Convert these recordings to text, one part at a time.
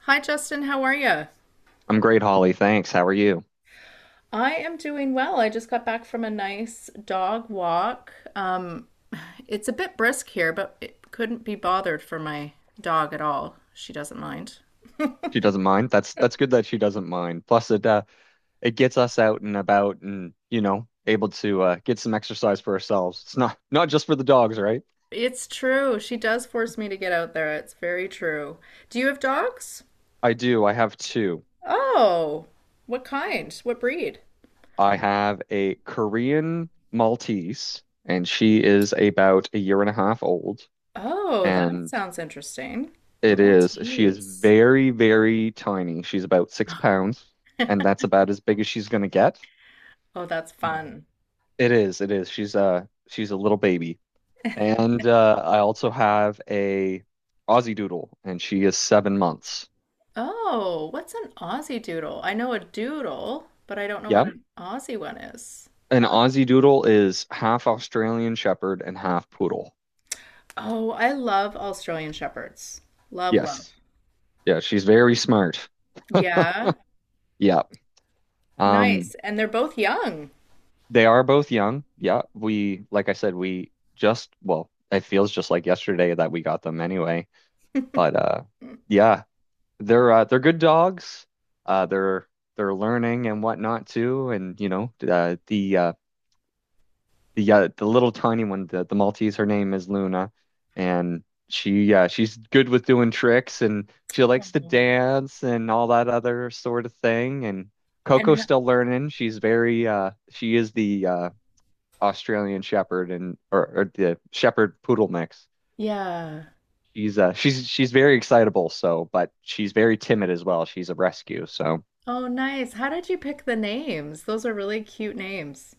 Hi, Justin. How are you? I'm great, Holly. Thanks. How are you? I am doing well. I just got back from a nice dog walk. It's a bit brisk here, but it couldn't be bothered for my dog at all. She doesn't mind. She doesn't mind. That's good that she doesn't mind. Plus, it gets us out and about, and you know, able to get some exercise for ourselves. It's not just for the dogs, right? It's true. She does force me to get out there. It's very true. Do you have dogs? I do. I have two. Oh, what kind? What breed? I have a Korean Maltese, and she is about a year and a half old. Oh, that And sounds interesting. it is she is Maltese. very, very tiny. She's about 6 pounds, and that's about as big as she's gonna get. Oh, that's Mhm. fun. It is, it is. She's a little baby. And I also have a Aussie Doodle, and she is 7 months. Oh, what's an Aussie doodle? I know a doodle, but I don't know what Yep. an Aussie one is. An Aussie Doodle is half Australian Shepherd and half poodle. Oh, I love Australian Shepherds. Love, love. Yes. Yeah, she's very smart. Yeah, Yeah. nice. Um, And they're both young. they are both young. Yeah. We, like I said, well, it feels just like yesterday that we got them anyway. But yeah, they're good dogs. Uh they're they're learning and whatnot too. And you know, the little tiny one, the Maltese, her name is Luna, and she yeah, she's good with doing tricks and she likes to Mhm. dance and all that other sort of thing. And And Coco's ha- still learning. She is the Australian Shepherd or the Shepherd Poodle mix. yeah. She's very excitable, so but she's very timid as well. She's a rescue, so Oh, nice. How did you pick the names? Those are really cute names.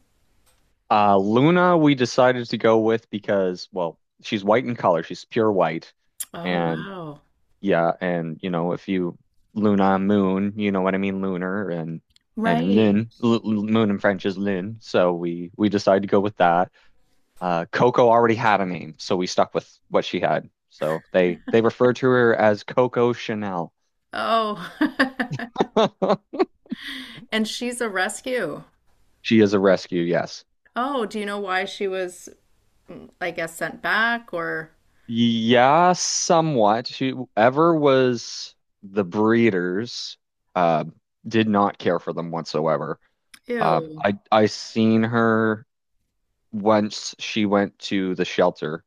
Luna we decided to go with because well, she's white in color. She's pure white Oh, and wow. yeah, and you know, if you Luna moon, you know what I mean, lunar and Right. Moon in French is lin, so we decided to go with that. Coco already had a name, so we stuck with what she had. So they refer to her as Coco Chanel. Oh. And she's a rescue. She is a rescue, yes. Oh, do you know why she was, I guess, sent back or Yeah, somewhat. Whoever was the breeders uh, did not care for them whatsoever. Ew. I seen her once she went to the shelter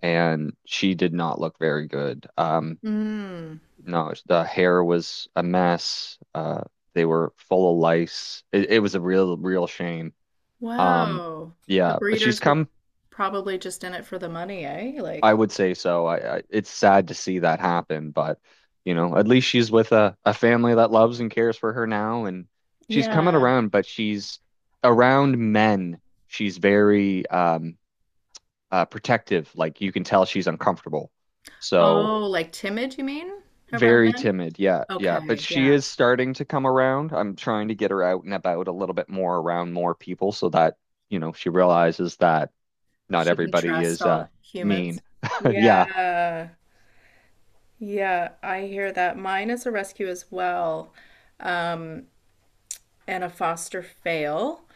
and she did not look very good. Mm. No, the hair was a mess. They were full of lice. It was a real, real shame. Um, Wow. The yeah, but she's breeders were come. probably just in it for the money, eh? I Like, would say so. I it's sad to see that happen, but you know, at least she's with a family that loves and cares for her now, and she's coming yeah. around, but she's around men. She's very protective. Like you can tell she's uncomfortable. So Oh, like timid, you mean? Around very men? timid. Yeah, yeah. But Okay, she yeah. is starting to come around. I'm trying to get her out and about a little bit more around more people so that, you know, she realizes that not She can everybody trust is all uh mean. humans. Yeah. Yeah. Yeah, I hear that. Mine is a rescue as well, um, and a foster fail.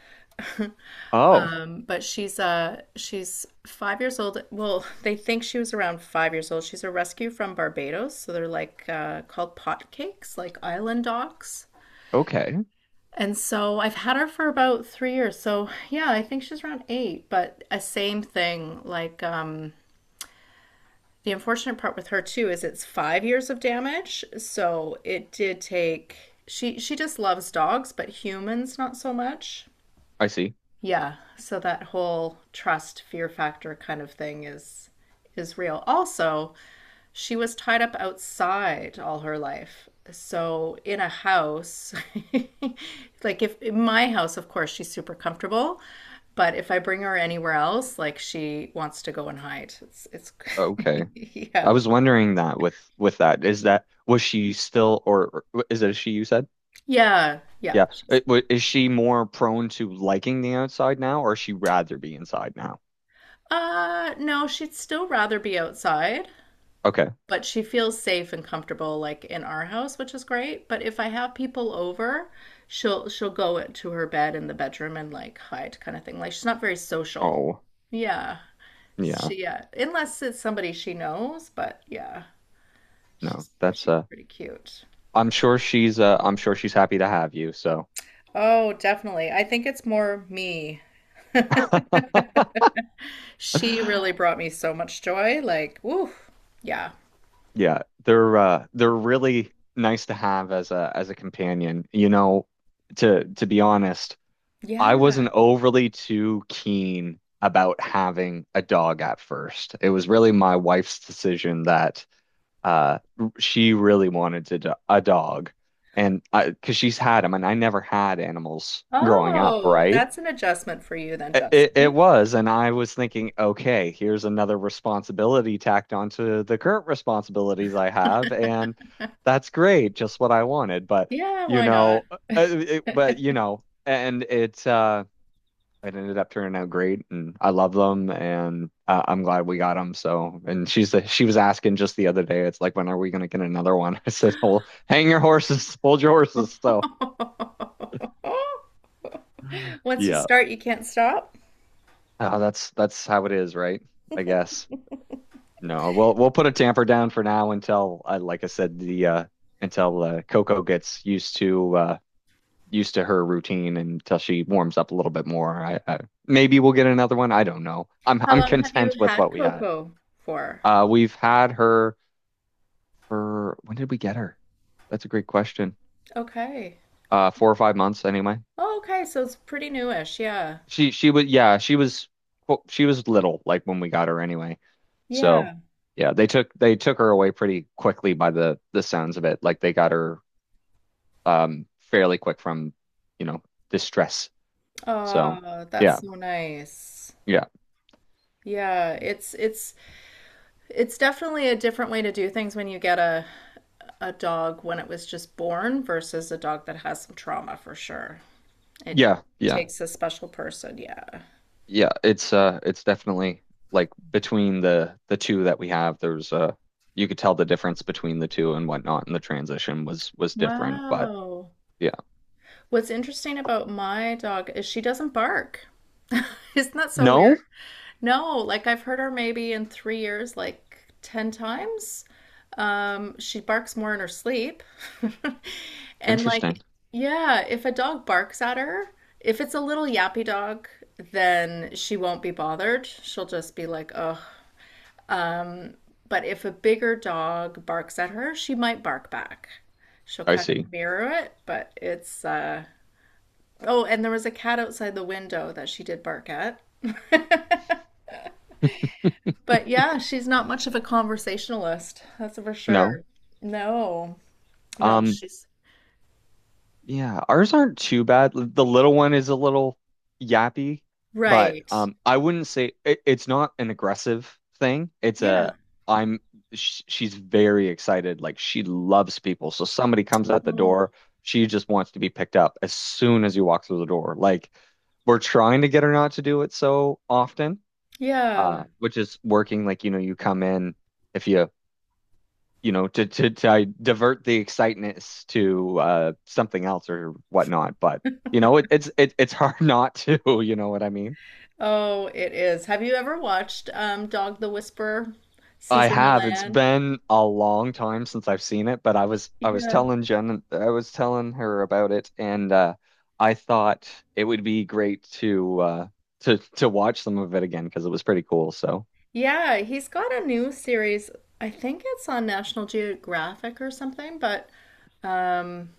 Oh, But she's 5 years old. Well, they think she was around 5 years old. She's a rescue from Barbados, so they're called pot cakes, like island dogs. okay. And so I've had her for about 3 years. So yeah, I think she's around eight. But a same thing. The unfortunate part with her too is it's 5 years of damage. So it did take. She just loves dogs, but humans not so much. I see. Yeah. So that whole trust fear factor kind of thing is real. Also, she was tied up outside all her life. So in a house, like if in my house, of course, she's super comfortable, but if I bring her anywhere else, like she wants to go and hide. It's Okay. I yeah. was wondering that with that. Is that was she still or- is it a she you said? Yeah, yeah. Yeah. She's It- wa- Is she more prone to liking the outside now or is she rather be inside now? No, she'd still rather be outside. Okay. But she feels safe and comfortable like in our house, which is great. But if I have people over, she'll go to her bed in the bedroom and like hide kind of thing. Like she's not very social. Oh. Yeah. Yeah, She yeah, unless it's somebody she knows, but yeah, no, she's that's she's pretty cute. I'm sure she's happy to have you, so Oh, definitely. I think it's more me. She really brought me so much joy. Like, woo. Yeah. yeah, they're really nice to have as a companion. You know, to be honest, Yeah. I wasn't overly too keen about having a dog at first. It was really my wife's decision that uh she really wanted to do a dog. And I, because she's had them, and I never had animals growing up, Oh, right? that's an adjustment for you then, It Justin. was, and I was thinking, okay, here's another responsibility tacked onto the current responsibilities I have, and that's great, just what I wanted. But Yeah, why not? But you know, and it it ended up turning out great, and I love them, and I'm glad we got them. So, and she was asking just the other day, it's like, when are we gonna get another one? I said, well, hang your horses, hold your horses. So, Once you yeah, start, you can't stop. That's how it is, right? I guess. No, we'll put a tamper down for now until, like I said, the until Coco gets used to used to her routine and until she warms up a little bit more. I maybe we'll get another one. I don't know. I'm How I'm long have you content with had what we had. cocoa for? We've had her for when did we get her? That's a great question. Okay. 4 or 5 months anyway. Oh, okay, so it's pretty newish. Yeah. She was yeah, she was well, she was little like when we got her anyway. So Yeah. yeah, they took her away pretty quickly by the sounds of it. Like they got her fairly quick from, you know, distress. So Oh, yeah, that's so nice. yeah, Yeah, it's definitely a different way to do things when you get a dog when it was just born versus a dog that has some trauma for sure. It yeah, yeah, takes a special person, yeah. yeah. It's definitely like between the two that we have, there's you could tell the difference between the two and whatnot, and the transition was different. But Wow. yeah, What's interesting about my dog is she doesn't bark. Isn't that so no, weird? No, like I've heard her maybe in 3 years, like 10 times. She barks more in her sleep. And interesting. like, yeah, if a dog barks at her, if it's a little yappy dog, then she won't be bothered. She'll just be like, ugh. But if a bigger dog barks at her, she might bark back. She'll I kind of see. mirror it, but it's uh oh, and there was a cat outside the window that she did bark at. But yeah, she's not much of a conversationalist, that's for No, sure. No, no, um, she's. yeah, ours aren't too bad. L- The little one is a little yappy, but Right. I wouldn't say it's not an aggressive thing. It's Yeah. a I'm sh she's very excited. Like she loves people. So somebody comes at the Oh, door, she just wants to be picked up as soon as you walk through the door. Like we're trying to get her not to do it so often, yeah. Which is working. Like you know, you come in if you you know, to divert the excitement to something else or whatnot. But you know, it's hard not to. You know what I mean? Oh, it is. Have you ever watched Dog the Whisperer, I Cesar have. It's Millan? been a long time since I've seen it, but I was Yeah. telling Jen, I was telling her about it, and I thought it would be great to to watch some of it again because it was pretty cool. So. Yeah, he's got a new series. I think it's on National Geographic or something, but. um,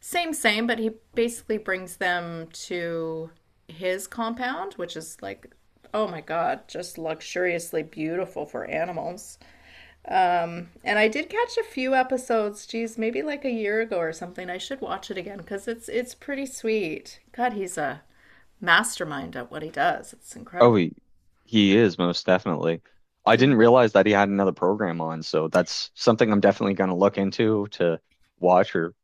Same, same, but he basically brings them to his compound, which is like, oh my God, just luxuriously beautiful for animals. And I did catch a few episodes, geez, maybe like a year ago or something. I should watch it again because it's pretty sweet. God, he's a mastermind at what he does. It's Oh, incredible. he, he is most definitely. I Yeah. didn't realize that he had another program on, so that's something I'm definitely going to look into to watch or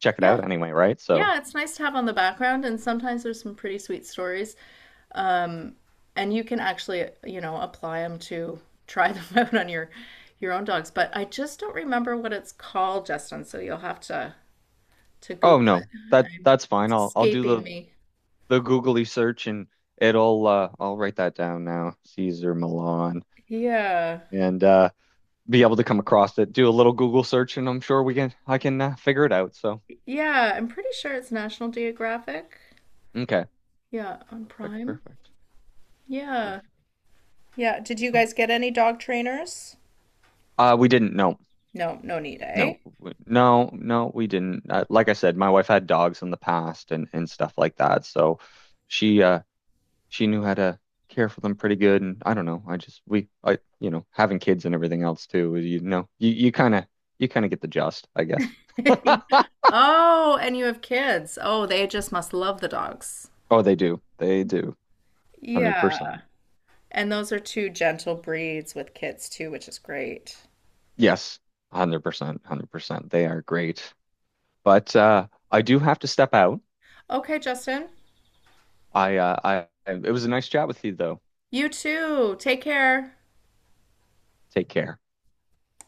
check it Yeah. out anyway, right? So, Yeah, it's nice to have on the background, and sometimes there's some pretty sweet stories. Um, and you can actually, you know, apply them to try them out on your own dogs. But I just don't remember what it's called, Justin. So you'll have to oh Google it. no, that I'm, that's fine. it's I'll do escaping me. the googly search and it'll I'll write that down now. Caesar Milan Yeah, and be able to come across it. Do a little Google search and I'm sure we can I can figure it out. So, yeah. I'm pretty sure it's National Geographic. okay. Yeah, on Perfect, Prime. perfect. Yeah. Perfect. Yeah. Did you guys get any dog trainers? We didn't know. No, no need, No, eh? w- no, no, we didn't. Like I said, my wife had dogs in the past and stuff like that, so she uh she knew how to care for them pretty good. And I don't know, I just we I you know, having kids and everything else too, you know, you kind of get the gist, I guess. Oh, and you have kids. Oh, they just must love the dogs. Oh, they do, one hundred Yeah. percent. And those are two gentle breeds with kids too, which is great. Yes, 100%, 100%. They are great, but I do have to step out. Okay, Justin. I it was a nice chat with you though. You too. Take care. Take care.